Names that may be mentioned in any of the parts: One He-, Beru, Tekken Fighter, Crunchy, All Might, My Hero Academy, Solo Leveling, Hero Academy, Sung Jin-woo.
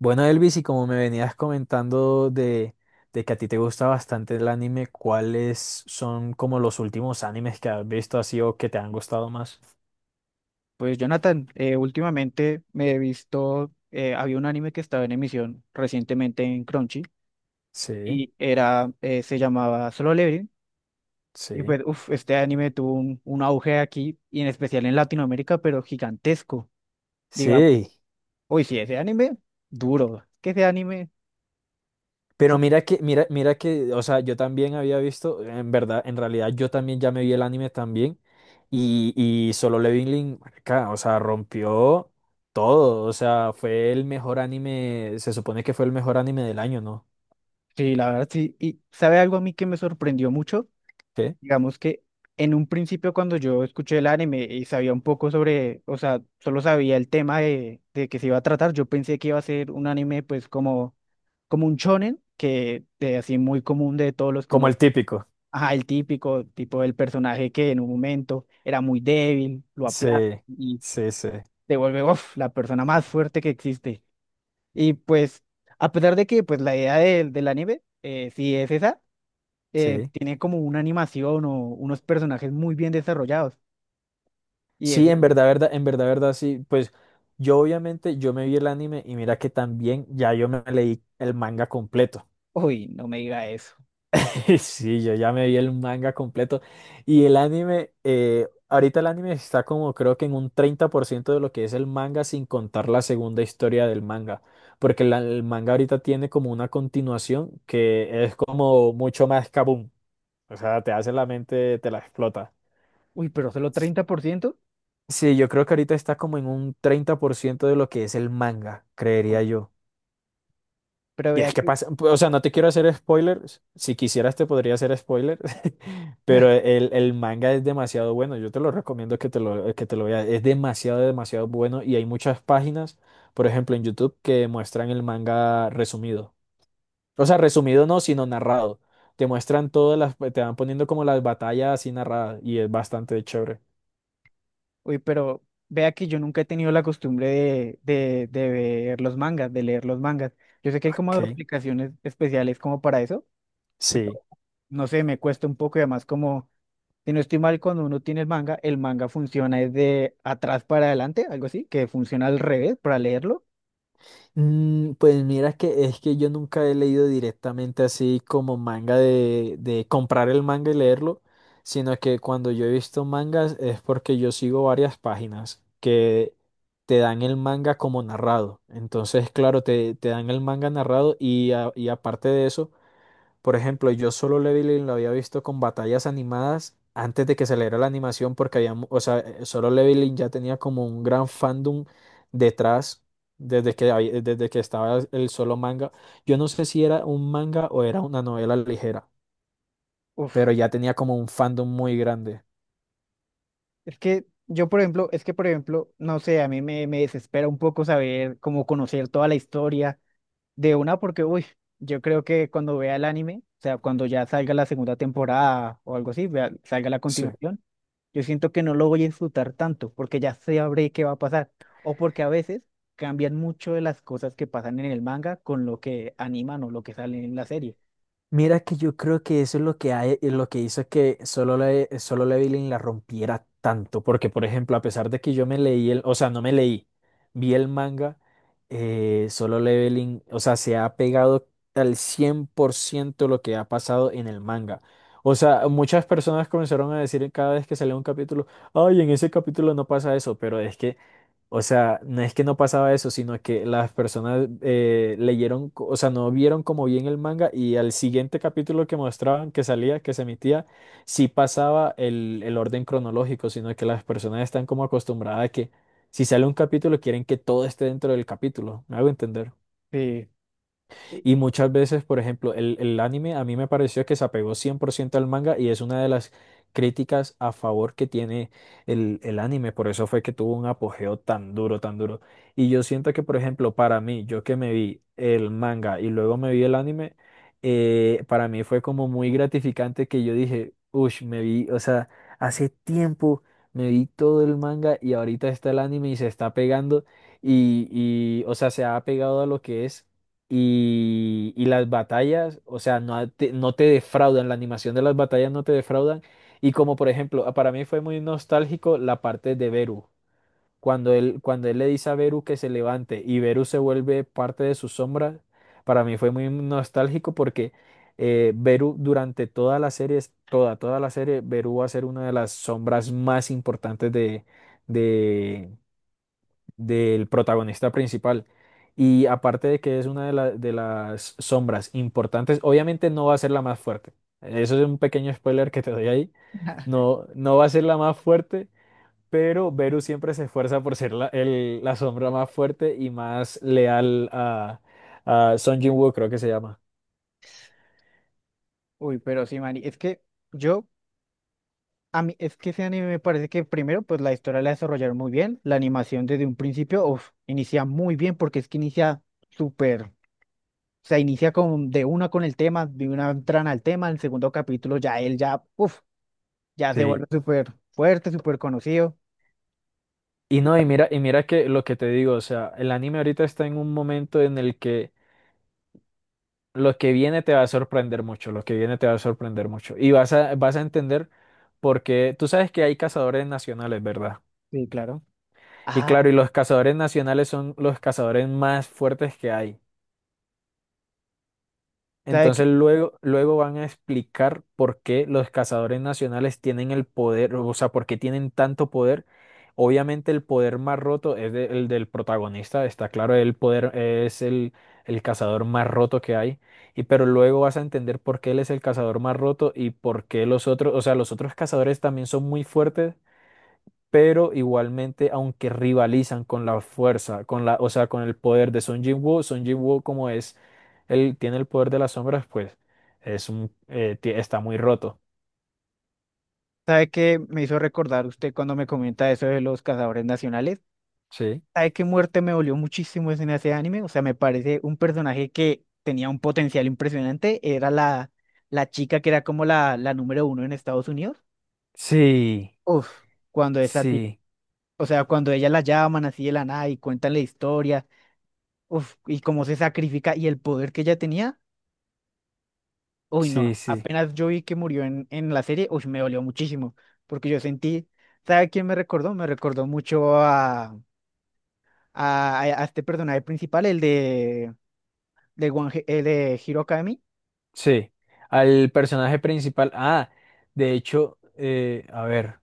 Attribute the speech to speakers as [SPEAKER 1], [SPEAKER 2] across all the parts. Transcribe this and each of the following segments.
[SPEAKER 1] Bueno, Elvis, y como me venías comentando de que a ti te gusta bastante el anime, ¿cuáles son como los últimos animes que has visto así o que te han gustado más?
[SPEAKER 2] Pues Jonathan, últimamente me he visto, había un anime que estaba en emisión recientemente en Crunchy
[SPEAKER 1] Sí,
[SPEAKER 2] y era, se llamaba Solo Leveling. Y
[SPEAKER 1] sí.
[SPEAKER 2] pues, uff, este anime tuvo un auge aquí y en especial en Latinoamérica, pero gigantesco. Diga,
[SPEAKER 1] Sí,
[SPEAKER 2] uy, sí, ese anime, duro. Que ese anime, fu-
[SPEAKER 1] pero mira que, o sea, yo también había visto, en realidad yo también ya me vi el anime también y, y Solo Leveling, marica, o sea, rompió todo, o sea, fue el mejor anime, se supone que fue el mejor anime del año, ¿no?
[SPEAKER 2] sí, la verdad, sí. Y sabe algo a mí que me sorprendió mucho.
[SPEAKER 1] ¿Qué?
[SPEAKER 2] Digamos que en un principio cuando yo escuché el anime y sabía un poco sobre, o sea, solo sabía el tema de que se iba a tratar, yo pensé que iba a ser un anime pues como, como un shonen, que de así muy común de todos los que
[SPEAKER 1] Como
[SPEAKER 2] uno,
[SPEAKER 1] el típico.
[SPEAKER 2] ajá, el típico tipo del personaje que en un momento era muy débil, lo aplasta
[SPEAKER 1] Sí,
[SPEAKER 2] y
[SPEAKER 1] sí, sí,
[SPEAKER 2] se vuelve, uf, la persona más fuerte que existe. Y pues, a pesar de que pues la idea del anime, sí es esa,
[SPEAKER 1] sí.
[SPEAKER 2] tiene como una animación o unos personajes muy bien desarrollados. Y
[SPEAKER 1] Sí,
[SPEAKER 2] eso,
[SPEAKER 1] en verdad, sí. Pues yo obviamente, yo me vi el anime y mira que también ya yo me leí el manga completo.
[SPEAKER 2] uy, no me diga eso.
[SPEAKER 1] Sí, yo ya me vi el manga completo. Y el anime, ahorita el anime está como creo que en un 30% de lo que es el manga sin contar la segunda historia del manga. Porque el manga ahorita tiene como una continuación que es como mucho más kaboom. O sea, te hace la mente, te la explota.
[SPEAKER 2] Uy, pero solo 30%.
[SPEAKER 1] Sí, yo creo que ahorita está como en un 30% de lo que es el manga, creería yo.
[SPEAKER 2] Pero
[SPEAKER 1] Y
[SPEAKER 2] vea
[SPEAKER 1] es que
[SPEAKER 2] que,
[SPEAKER 1] pasa, o sea, no te quiero hacer spoilers, si quisieras te podría hacer spoilers, pero el manga es demasiado bueno, yo te lo recomiendo que te lo veas, es demasiado, demasiado bueno y hay muchas páginas, por ejemplo, en YouTube que muestran el manga resumido. O sea, resumido no, sino narrado. Te muestran todas las, te van poniendo como las batallas así narradas y es bastante chévere.
[SPEAKER 2] uy, pero vea que yo nunca he tenido la costumbre de ver los mangas, de leer los mangas. Yo sé que hay como
[SPEAKER 1] Ok.
[SPEAKER 2] aplicaciones especiales como para eso, pero
[SPEAKER 1] Sí.
[SPEAKER 2] no sé, me cuesta un poco y además como, si no estoy mal, cuando uno tiene el manga funciona es de atrás para adelante, algo así, que funciona al revés para leerlo.
[SPEAKER 1] Mm, pues mira que es que yo nunca he leído directamente así como manga de comprar el manga y leerlo, sino que cuando yo he visto mangas es porque yo sigo varias páginas que te dan el manga como narrado. Entonces, claro, te dan el manga narrado y, y aparte de eso. Por ejemplo, yo Solo Leveling lo había visto con batallas animadas antes de que saliera la animación porque había, o sea, Solo Leveling ya tenía como un gran fandom detrás desde que, desde que estaba el solo manga. Yo no sé si era un manga o era una novela ligera,
[SPEAKER 2] Uf,
[SPEAKER 1] pero ya tenía como un fandom muy grande.
[SPEAKER 2] es que yo, por ejemplo, es que, por ejemplo, no sé, a mí me desespera un poco saber cómo conocer toda la historia de una porque, uy, yo creo que cuando vea el anime, o sea, cuando ya salga la segunda temporada o algo así, salga la
[SPEAKER 1] Sí.
[SPEAKER 2] continuación, yo siento que no lo voy a disfrutar tanto porque ya sabré qué va a pasar. O porque a veces cambian mucho de las cosas que pasan en el manga con lo que animan o lo que sale en la serie.
[SPEAKER 1] Mira que yo creo que eso es lo que hay, es lo que hizo que Solo Leveling la rompiera tanto, porque por ejemplo, a pesar de que yo me leí el, o sea, no me leí, vi el manga, Solo Leveling, o sea, se ha pegado al 100% lo que ha pasado en el manga. O sea, muchas personas comenzaron a decir cada vez que salía un capítulo, ay, en ese capítulo no pasa eso, pero es que o sea, no es que no pasaba eso, sino que las personas leyeron, o sea, no vieron como bien el manga y al siguiente capítulo que mostraban, que salía, que se emitía, sí pasaba el orden cronológico, sino que las personas están como acostumbradas a que si sale un capítulo quieren que todo esté dentro del capítulo. ¿Me hago entender?
[SPEAKER 2] Sí,
[SPEAKER 1] Y muchas veces, por ejemplo, el anime a mí me pareció que se apegó 100% al manga y es una de las críticas a favor que tiene el anime. Por eso fue que tuvo un apogeo tan duro, tan duro. Y yo siento que, por ejemplo, para mí, yo que me vi el manga y luego me vi el anime, para mí fue como muy gratificante que yo dije, uff, me vi, o sea, hace tiempo me vi todo el manga y ahorita está el anime y se está pegando y, o sea, se ha pegado a lo que es y las batallas, o sea, no te defraudan, la animación de las batallas no te defraudan. Y como por ejemplo, ah, para mí fue muy nostálgico la parte de Beru. Cuando cuando él le dice a Beru que se levante y Beru se vuelve parte de su sombra, para mí fue muy nostálgico porque Beru durante toda la serie, toda, toda la serie, Beru va a ser una de las sombras más importantes de, del protagonista principal. Y aparte de que es una de, de las sombras importantes, obviamente no va a ser la más fuerte. Eso es un pequeño spoiler que te doy ahí. No, no va a ser la más fuerte, pero Beru siempre se esfuerza por ser la, la sombra más fuerte y más leal a Sung Jin-woo, creo que se llama.
[SPEAKER 2] uy, pero sí, Mari, es que yo, a mí, es que ese anime me parece que primero, pues la historia la desarrollaron muy bien, la animación desde un principio, uf, inicia muy bien porque es que inicia súper. O sea, inicia con, de una con el tema, de una entran al tema, el segundo capítulo ya él ya, uff, ya se
[SPEAKER 1] Sí.
[SPEAKER 2] vuelve súper fuerte, súper conocido.
[SPEAKER 1] Y no, y mira que lo que te digo, o sea, el anime ahorita está en un momento en el que lo que viene te va a sorprender mucho, lo que viene te va a sorprender mucho. Y vas a, vas a entender porque tú sabes que hay cazadores nacionales, ¿verdad?
[SPEAKER 2] Sí, claro.
[SPEAKER 1] Y claro,
[SPEAKER 2] Ah,
[SPEAKER 1] y los cazadores nacionales son los cazadores más fuertes que hay.
[SPEAKER 2] ¿sabe qué,
[SPEAKER 1] Entonces luego van a explicar por qué los cazadores nacionales tienen el poder, o sea, por qué tienen tanto poder. Obviamente el poder más roto es el del protagonista, está claro, el poder es el cazador más roto que hay, y pero luego vas a entender por qué él es el cazador más roto y por qué los otros, o sea, los otros cazadores también son muy fuertes, pero igualmente, aunque rivalizan con la fuerza, con la, o sea, con el poder de Woo Jinwoo, Son Woo como es, él tiene el poder de las sombras, pues es un, está muy roto,
[SPEAKER 2] sabe qué me hizo recordar usted cuando me comenta eso de los cazadores nacionales?
[SPEAKER 1] ¿sí?
[SPEAKER 2] ¿Sabe qué muerte me dolió muchísimo en ese anime? O sea, me parece un personaje que tenía un potencial impresionante. Era la, la chica que era como la número uno en Estados Unidos.
[SPEAKER 1] Sí,
[SPEAKER 2] Uf, cuando esa tip,
[SPEAKER 1] sí,
[SPEAKER 2] o sea, cuando ella la llaman así de la nada y cuentan la historia. Uf, y cómo se sacrifica y el poder que ella tenía, uy, no,
[SPEAKER 1] sí.
[SPEAKER 2] apenas yo vi que murió en la serie, uy, me dolió muchísimo, porque yo sentí, ¿sabe a quién me recordó? Me recordó mucho a este personaje principal, el de, el de Hero Academy,
[SPEAKER 1] Sí, al personaje principal, ah, de hecho, a ver,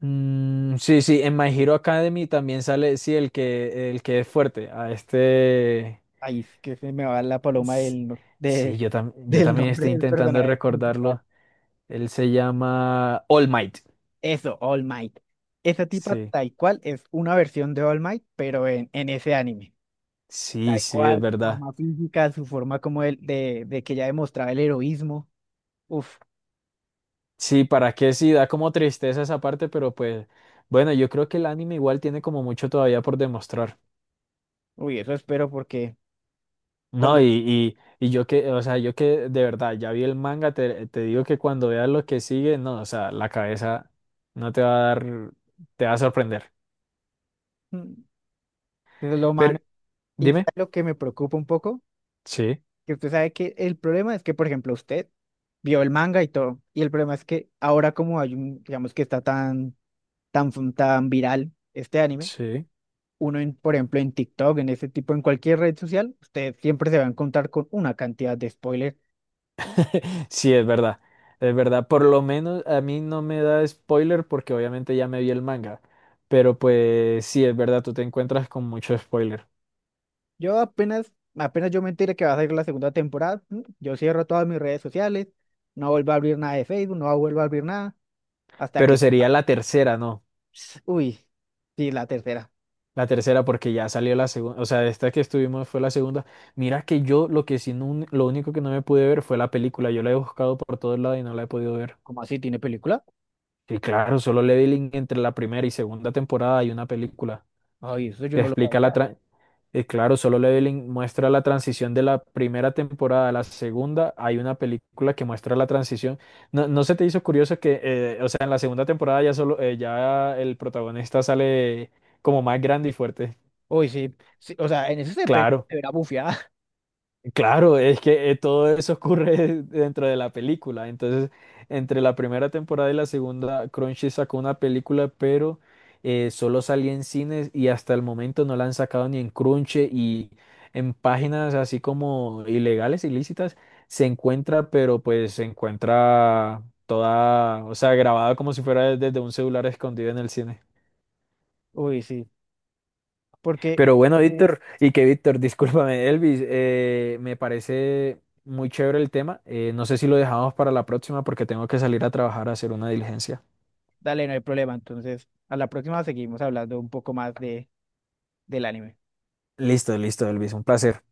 [SPEAKER 1] mm, sí, sí, en My Hero Academy también sale, sí, el que es fuerte, a este...
[SPEAKER 2] ahí es que se me va la paloma
[SPEAKER 1] S-
[SPEAKER 2] del,
[SPEAKER 1] Sí, yo, yo
[SPEAKER 2] del
[SPEAKER 1] también
[SPEAKER 2] nombre
[SPEAKER 1] estoy
[SPEAKER 2] del
[SPEAKER 1] intentando
[SPEAKER 2] personaje principal.
[SPEAKER 1] recordarlo. Él se llama All Might.
[SPEAKER 2] Eso, All Might. Esa tipa
[SPEAKER 1] Sí,
[SPEAKER 2] tal cual es una versión de All Might, pero en ese anime.
[SPEAKER 1] sí,
[SPEAKER 2] Tal
[SPEAKER 1] sí, es
[SPEAKER 2] cual,
[SPEAKER 1] verdad.
[SPEAKER 2] forma física, su forma como el, de que ya demostraba el heroísmo. Uf,
[SPEAKER 1] Sí, ¿para qué? Sí, da como tristeza esa parte, pero pues bueno, yo creo que el anime igual tiene como mucho todavía por demostrar.
[SPEAKER 2] uy, eso espero porque
[SPEAKER 1] No,
[SPEAKER 2] cuando
[SPEAKER 1] y yo que, o sea, yo que de verdad ya vi el manga, te digo que cuando veas lo que sigue, no, o sea, la cabeza no te va a dar, te va a sorprender.
[SPEAKER 2] mm, eso es lo
[SPEAKER 1] Pero
[SPEAKER 2] humano. Y ¿sabe
[SPEAKER 1] dime,
[SPEAKER 2] lo que me preocupa un poco,
[SPEAKER 1] sí,
[SPEAKER 2] que usted sabe que el problema es que, por ejemplo, usted vio el manga y todo, y el problema es que ahora como hay un, digamos que está tan, tan, tan viral este anime,
[SPEAKER 1] sí.
[SPEAKER 2] uno, en, por ejemplo, en TikTok, en ese tipo, en cualquier red social, usted siempre se va a encontrar con una cantidad de spoilers.
[SPEAKER 1] Sí, es verdad, es verdad. Por lo menos a mí no me da spoiler porque obviamente ya me vi el manga. Pero pues sí, es verdad, tú te encuentras con mucho spoiler.
[SPEAKER 2] Yo apenas, apenas yo me entere que va a salir la segunda temporada, mm, yo cierro todas mis redes sociales, no vuelvo a abrir nada de Facebook, no vuelvo a abrir nada, hasta
[SPEAKER 1] Pero
[SPEAKER 2] que,
[SPEAKER 1] sería la tercera, ¿no?
[SPEAKER 2] ps, uy, sí, la tercera.
[SPEAKER 1] La tercera porque ya salió la segunda, o sea, esta que estuvimos fue la segunda. Mira que yo lo que sí, lo único que no me pude ver fue la película. Yo la he buscado por todos lados y no la he podido ver.
[SPEAKER 2] ¿Cómo así tiene película?
[SPEAKER 1] Y claro, Solo Leveling entre la primera y segunda temporada hay una película.
[SPEAKER 2] Ay, eso yo
[SPEAKER 1] Que
[SPEAKER 2] no lo
[SPEAKER 1] explica la...
[SPEAKER 2] sabía.
[SPEAKER 1] claro, Solo Leveling muestra la transición de la primera temporada a la segunda. Hay una película que muestra la transición. ¿No, no se te hizo curioso que, o sea, en la segunda temporada ya solo, ya el protagonista sale como más grande y fuerte?
[SPEAKER 2] Uy, sí, sí, o sea, en eso se pega,
[SPEAKER 1] Claro.
[SPEAKER 2] se verá bufiada.
[SPEAKER 1] Claro, es que todo eso ocurre dentro de la película. Entonces, entre la primera temporada y la segunda, Crunchy sacó una película, pero solo salía en cines y hasta el momento no la han sacado ni en Crunchy y en páginas así como ilegales, ilícitas, se encuentra, pero pues se encuentra toda, o sea, grabada como si fuera desde un celular escondido en el cine.
[SPEAKER 2] Uy, sí, porque,
[SPEAKER 1] Pero bueno, Víctor, y que Víctor, discúlpame, Elvis, me parece muy chévere el tema. No sé si lo dejamos para la próxima porque tengo que salir a trabajar a hacer una diligencia.
[SPEAKER 2] dale, no hay problema. Entonces, a la próxima seguimos hablando un poco más de, del anime.
[SPEAKER 1] Listo, listo, Elvis, un placer.